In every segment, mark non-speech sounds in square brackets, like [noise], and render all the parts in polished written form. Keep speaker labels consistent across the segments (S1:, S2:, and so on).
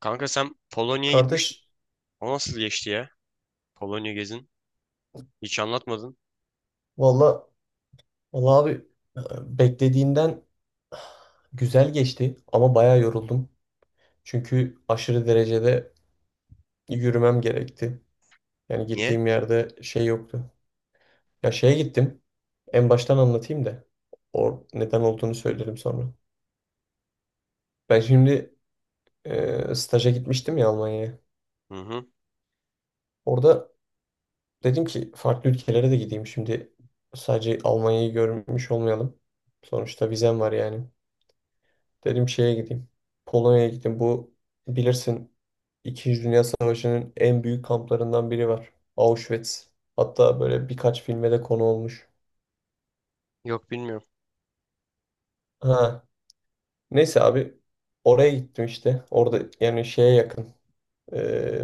S1: Kanka sen Polonya'ya gitmiştin.
S2: Kardeş,
S1: O nasıl geçti ya? Polonya gezin. Hiç anlatmadın.
S2: valla valla abi, e, beklediğimden güzel geçti ama bayağı yoruldum. Çünkü aşırı derecede yürümem gerekti. Yani
S1: Niye?
S2: gittiğim yerde şey yoktu. Ya şeye gittim. En baştan anlatayım da or neden olduğunu söylerim sonra. Ben şimdi staja gitmiştim ya Almanya'ya.
S1: Hı hı.
S2: Orada dedim ki farklı ülkelere de gideyim. Şimdi sadece Almanya'yı görmüş olmayalım. Sonuçta vizem var yani. Dedim şeye gideyim. Polonya'ya gittim. Bu bilirsin İkinci Dünya Savaşı'nın en büyük kamplarından biri var, Auschwitz. Hatta böyle birkaç filme de konu olmuş.
S1: Yok bilmiyorum.
S2: Ha. Neyse abi oraya gittim işte. Orada yani şeye yakın. e,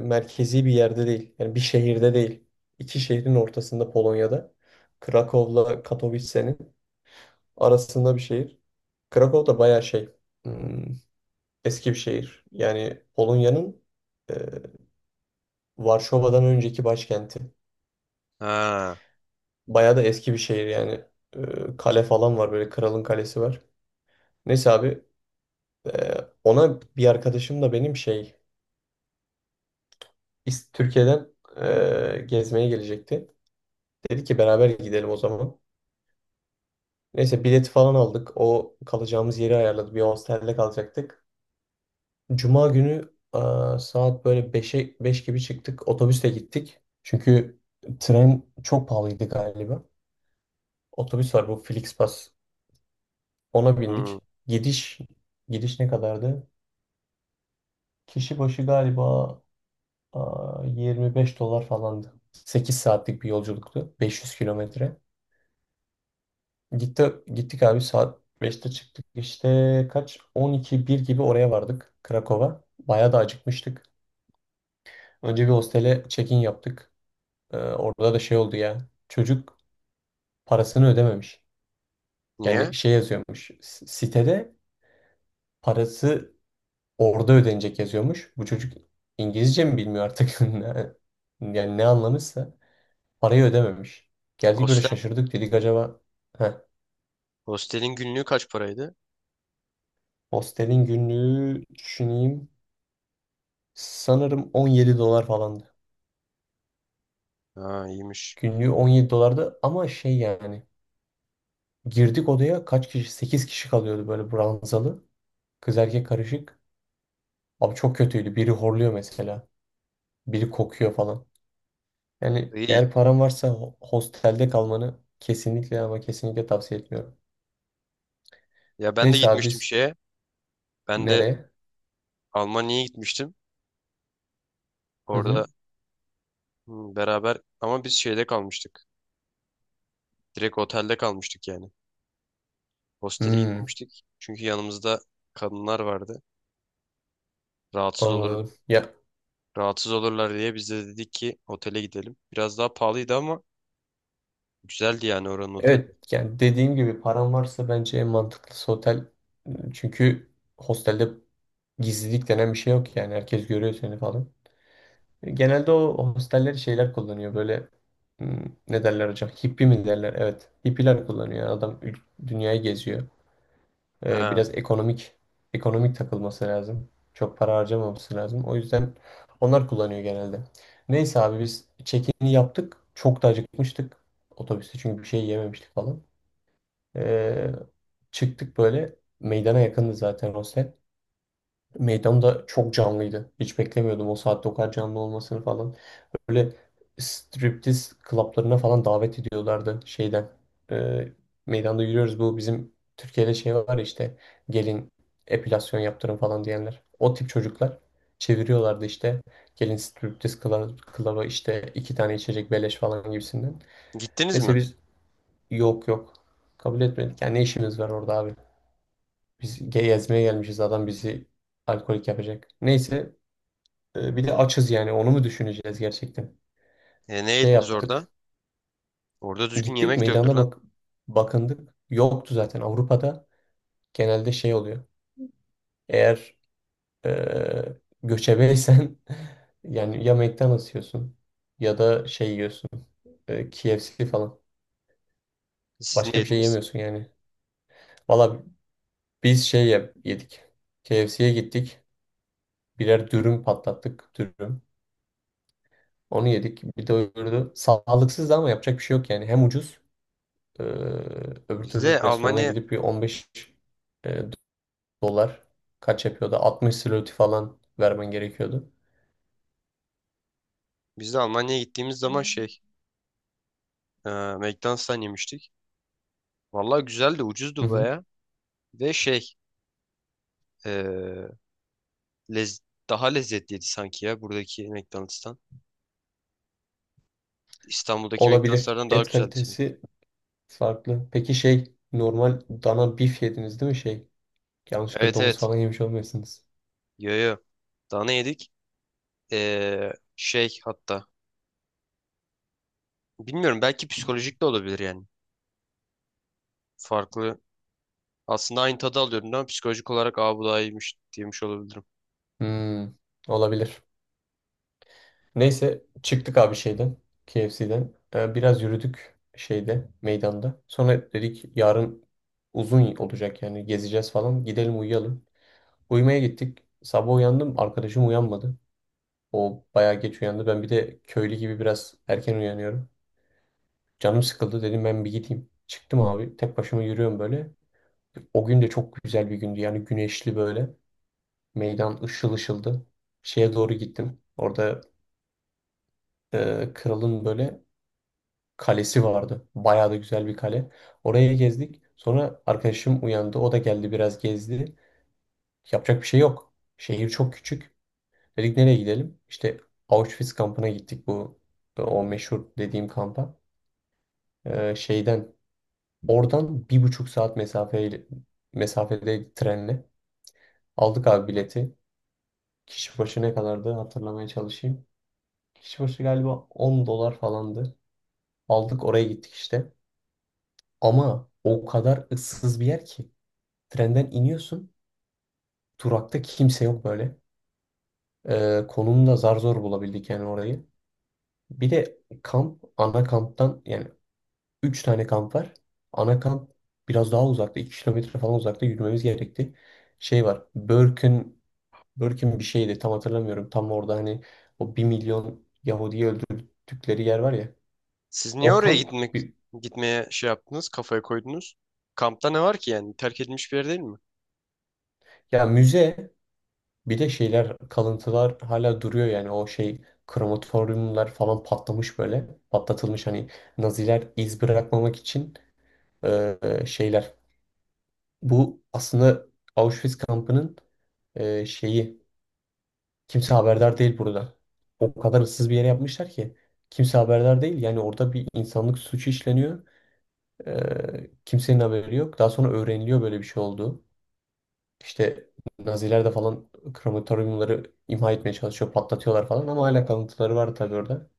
S2: merkezi bir yerde değil. Yani bir şehirde değil. İki şehrin ortasında Polonya'da. Krakow'la Katowice'nin arasında bir şehir. Krakow da bayağı şey. hmm, eski bir şehir. Yani Polonya'nın Varşova'dan önceki başkenti.
S1: Ha.
S2: Bayağı da eski bir şehir yani. Kale falan var, böyle kralın kalesi var. Neyse abi, e, ona bir arkadaşım da benim şey, Türkiye'den gezmeye gelecekti. Dedi ki beraber gidelim o zaman. Neyse bileti falan aldık. O kalacağımız yeri ayarladı. Bir hostelde kalacaktık. Cuma günü, saat böyle 5'e 5 gibi çıktık. Otobüsle gittik. Çünkü tren çok pahalıydı galiba. Otobüs var, bu Flixbus. Ona
S1: Hı.
S2: bindik. Gidiş gidiş ne kadardı? Kişi başı galiba, 25 dolar falandı. 8 saatlik bir yolculuktu. 500 kilometre. Gittik abi, saat beşte çıktık. İşte kaç? 12 bir gibi oraya vardık, Krakow'a. Bayağı da acıkmıştık. Önce bir hostele check-in yaptık. Orada da şey oldu ya. Çocuk parasını ödememiş.
S1: Niye?
S2: Yani şey yazıyormuş. Sitede parası orada ödenecek yazıyormuş. Bu çocuk İngilizce mi bilmiyor artık? [laughs] Yani ne anlamışsa parayı ödememiş. Geldik böyle
S1: Hostel.
S2: şaşırdık, dedik acaba. heh,
S1: Hostelin günlüğü kaç paraydı?
S2: Hostelin günlüğü, düşüneyim, sanırım 17 dolar falandı.
S1: Ha, iyiymiş.
S2: Günlüğü 17 dolardı ama şey yani, girdik odaya kaç kişi? 8 kişi kalıyordu, böyle ranzalı. Kız erkek karışık. Abi çok kötüydü. Biri horluyor mesela. Biri kokuyor falan. Yani
S1: İyi.
S2: eğer paran varsa hostelde kalmanı kesinlikle, ama kesinlikle tavsiye etmiyorum.
S1: Ya ben de
S2: Neyse abi
S1: gitmiştim
S2: biz,
S1: şeye. Ben de
S2: nereye?
S1: Almanya'ya gitmiştim.
S2: Hı
S1: Orada
S2: hı.
S1: hı, beraber ama biz şeyde kalmıştık. Direkt otelde kalmıştık yani. Hostele
S2: Hmm,
S1: gitmemiştik. Çünkü yanımızda kadınlar vardı. Rahatsız olur
S2: anladım. Ya
S1: Rahatsız olurlar diye biz de dedik ki otele gidelim. Biraz daha pahalıydı ama güzeldi yani oranın oteli.
S2: evet, yani dediğim gibi, param varsa bence en mantıklısı otel. Çünkü hostelde gizlilik denen bir şey yok, yani herkes görüyor seni falan. Genelde o hosteller şeyler kullanıyor, böyle, hmm, ne derler hocam? Hippie mi derler? Evet. Hippiler kullanıyor. Adam dünyayı geziyor. Ee,
S1: Ha.
S2: biraz ekonomik, ekonomik takılması lazım. Çok para harcamaması lazım. O yüzden onlar kullanıyor genelde. Neyse abi, biz check-in'i yaptık. Çok da acıkmıştık. Otobüste çünkü bir şey yememiştik falan. Ee, çıktık böyle meydana, yakındı zaten hostel. Meydan da çok canlıydı. Hiç beklemiyordum o saatte o kadar canlı olmasını falan. Böyle striptiz klaplarına falan davet ediyorlardı şeyden. Ee, meydanda yürüyoruz. Bu bizim Türkiye'de şey var ya işte, gelin epilasyon yaptırın falan diyenler. O tip çocuklar çeviriyorlardı işte. Gelin striptiz klaba işte, 2 tane içecek beleş falan gibisinden.
S1: Gittiniz
S2: Neyse
S1: mi?
S2: biz, yok, yok, kabul etmedik. Yani ne işimiz var orada abi? Biz gezmeye gelmişiz, adam bizi alkolik yapacak. Neyse bir de açız yani, onu mu düşüneceğiz gerçekten?
S1: E, ne
S2: Şey
S1: yediniz
S2: yaptık.
S1: orada? Orada düzgün
S2: Gittik
S1: yemek de yoktur
S2: meydana,
S1: lan.
S2: bakındık. Yoktu. Zaten Avrupa'da genelde şey oluyor. Eğer eee göçebeysen, [laughs] yani ya McDonald's yiyorsun, ya da şey yiyorsun, KFC falan.
S1: Siz ne
S2: Başka bir şey
S1: yediniz?
S2: yemiyorsun yani. Valla biz şey yedik. KFC'ye gittik. Birer dürüm patlattık. Dürüm. Onu yedik. Bir de öbürü sağlıksız ama yapacak bir şey yok yani. Hem ucuz, eee öbür
S1: Biz
S2: türlü
S1: de
S2: restorana
S1: Almanya
S2: gidip bir 15 dolar, kaç yapıyordu, 60 zloty falan vermen gerekiyordu.
S1: Biz de Almanya'ya gittiğimiz zaman şey e, McDonald's'tan yemiştik. Vallahi güzeldi,
S2: Hı
S1: ucuzdu
S2: hı.
S1: baya. Ve şey, e, lez- daha lezzetliydi sanki ya buradaki McDonald's'tan. İstanbul'daki
S2: Olabilir.
S1: McDonald's'lardan daha
S2: Et
S1: güzeldi sanki.
S2: kalitesi farklı. Peki şey, normal dana bif yediniz değil mi şey? Yanlışlıkla
S1: Evet,
S2: domuz
S1: evet.
S2: falan yemiş olmayasınız.
S1: Yo, yo. Daha ne yedik? E, şey hatta. Bilmiyorum, belki psikolojik de olabilir yani. Farklı. Aslında aynı tadı alıyorum ama psikolojik olarak aa bu daha iyiymiş diyemiş olabilirim.
S2: Hmm, olabilir. Neyse, çıktık abi şeyden, KFC'den. Biraz yürüdük şeyde, meydanda. Sonra dedik yarın uzun olacak yani, gezeceğiz falan. Gidelim uyuyalım. Uyumaya gittik. Sabah uyandım, arkadaşım uyanmadı. O bayağı geç uyandı. Ben bir de köylü gibi biraz erken uyanıyorum. Canım sıkıldı, dedim ben bir gideyim. Çıktım abi, tek başıma yürüyorum böyle. O gün de çok güzel bir gündü. Yani güneşli böyle. Meydan ışıl ışıldı. Şeye doğru gittim. Orada kralın böyle kalesi vardı. Bayağı da güzel bir kale. Oraya gezdik. Sonra arkadaşım uyandı. O da geldi, biraz gezdi. Yapacak bir şey yok. Şehir çok küçük. Dedik nereye gidelim? İşte Auschwitz kampına gittik, bu o meşhur dediğim kampa. Şeyden, oradan 1,5 saat mesafede trenle, aldık abi bileti. Kişi başı ne kadardı, hatırlamaya çalışayım. Kişi başı galiba 10 dolar falandı. Aldık, oraya gittik işte. Ama o kadar ıssız bir yer ki. Trenden iniyorsun. Durakta kimse yok böyle. Konumu zar zor bulabildik yani orayı. Bir de ana kamptan yani, 3 tane kamp var. Ana kamp biraz daha uzakta. 2 kilometre falan uzakta, yürümemiz gerekti. Şey var, Börkün, bir şeydi, tam hatırlamıyorum. Tam orada hani o 1 milyon Yahudi'yi öldürdükleri yer var ya.
S1: Siz niye
S2: O
S1: oraya
S2: kamp,
S1: gitmek Gitmeye şey yaptınız, kafaya koydunuz? Kampta ne var ki yani? Terk edilmiş bir yer değil mi?
S2: ya müze, bir de şeyler, kalıntılar hala duruyor yani. O şey, krematoryumlar falan patlamış böyle. Patlatılmış, hani Naziler iz bırakmamak için e, şeyler. Bu aslında Auschwitz kampının şeyi. Kimse haberdar değil burada. O kadar ıssız bir yere yapmışlar ki. Kimse haberdar değil. Yani orada bir insanlık suçu işleniyor. Kimsenin haberi yok. Daha sonra öğreniliyor böyle bir şey olduğu. İşte Naziler de falan krematoryumları imha etmeye çalışıyor. Patlatıyorlar falan ama hala kalıntıları var tabii orada.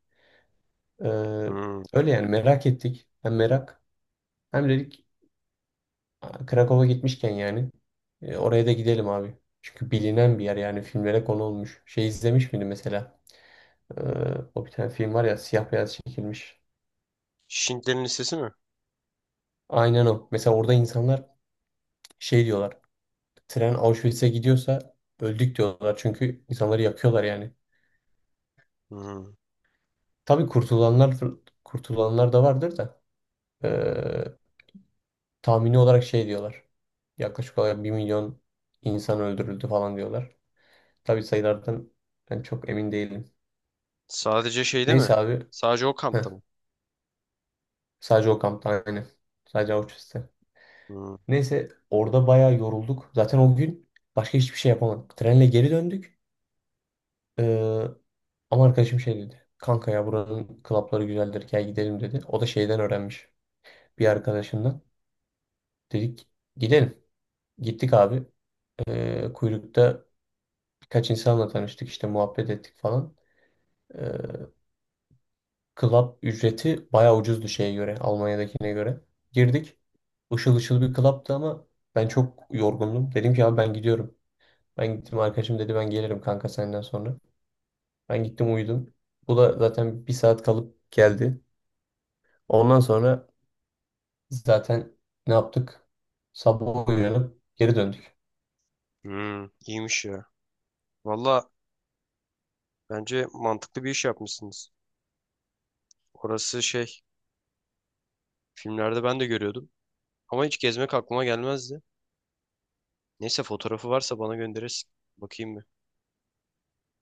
S2: Ee,
S1: Hmm.
S2: öyle yani, merak ettik. Hem merak, hem dedik, "Aa, Krakow'a gitmişken yani oraya da gidelim abi." Çünkü bilinen bir yer yani, filmlere konu olmuş. Şey izlemiş miydin mesela? Ee, o bir tane film var ya, siyah beyaz çekilmiş.
S1: Şintlerin lisesi mi?
S2: Aynen o. Mesela orada insanlar şey diyorlar. Tren Auschwitz'e gidiyorsa öldük diyorlar. Çünkü insanları yakıyorlar yani.
S1: Hmm.
S2: Tabii kurtulanlar, da vardır da, ee, tahmini olarak şey diyorlar. Yaklaşık olarak 1 milyon insan öldürüldü falan diyorlar. Tabii sayılardan ben çok emin değilim.
S1: Sadece şeyde mi?
S2: Neyse abi.
S1: Sadece o kampta
S2: Heh,
S1: mı?
S2: sadece o kampta, aynı. Sadece Auschwitz'te.
S1: Hmm.
S2: Neyse, orada bayağı yorulduk. Zaten o gün başka hiçbir şey yapamadık. Trenle geri döndük. Ee, ama arkadaşım şey dedi. Kanka ya buranın klapları güzeldir, gel gidelim dedi. O da şeyden öğrenmiş, bir arkadaşından. Dedik gidelim. Gittik abi. Kuyrukta birkaç insanla tanıştık işte, muhabbet ettik falan. Ee, club ücreti bayağı ucuzdu, şeye göre, Almanya'dakine göre. Girdik. Işıl ışıl bir club'tı ama ben çok yorgundum. Dedim ki abi ben gidiyorum. Ben gittim, arkadaşım dedi ben gelirim kanka senden sonra. Ben gittim uyudum. Bu da zaten 1 saat kalıp geldi. Ondan sonra zaten ne yaptık? Sabah uyanıp geri döndük.
S1: Hmm. İyiymiş ya. Valla bence mantıklı bir iş yapmışsınız. Orası şey, filmlerde ben de görüyordum. Ama hiç gezmek aklıma gelmezdi. Neyse fotoğrafı varsa bana gönderirsin. Bakayım bir.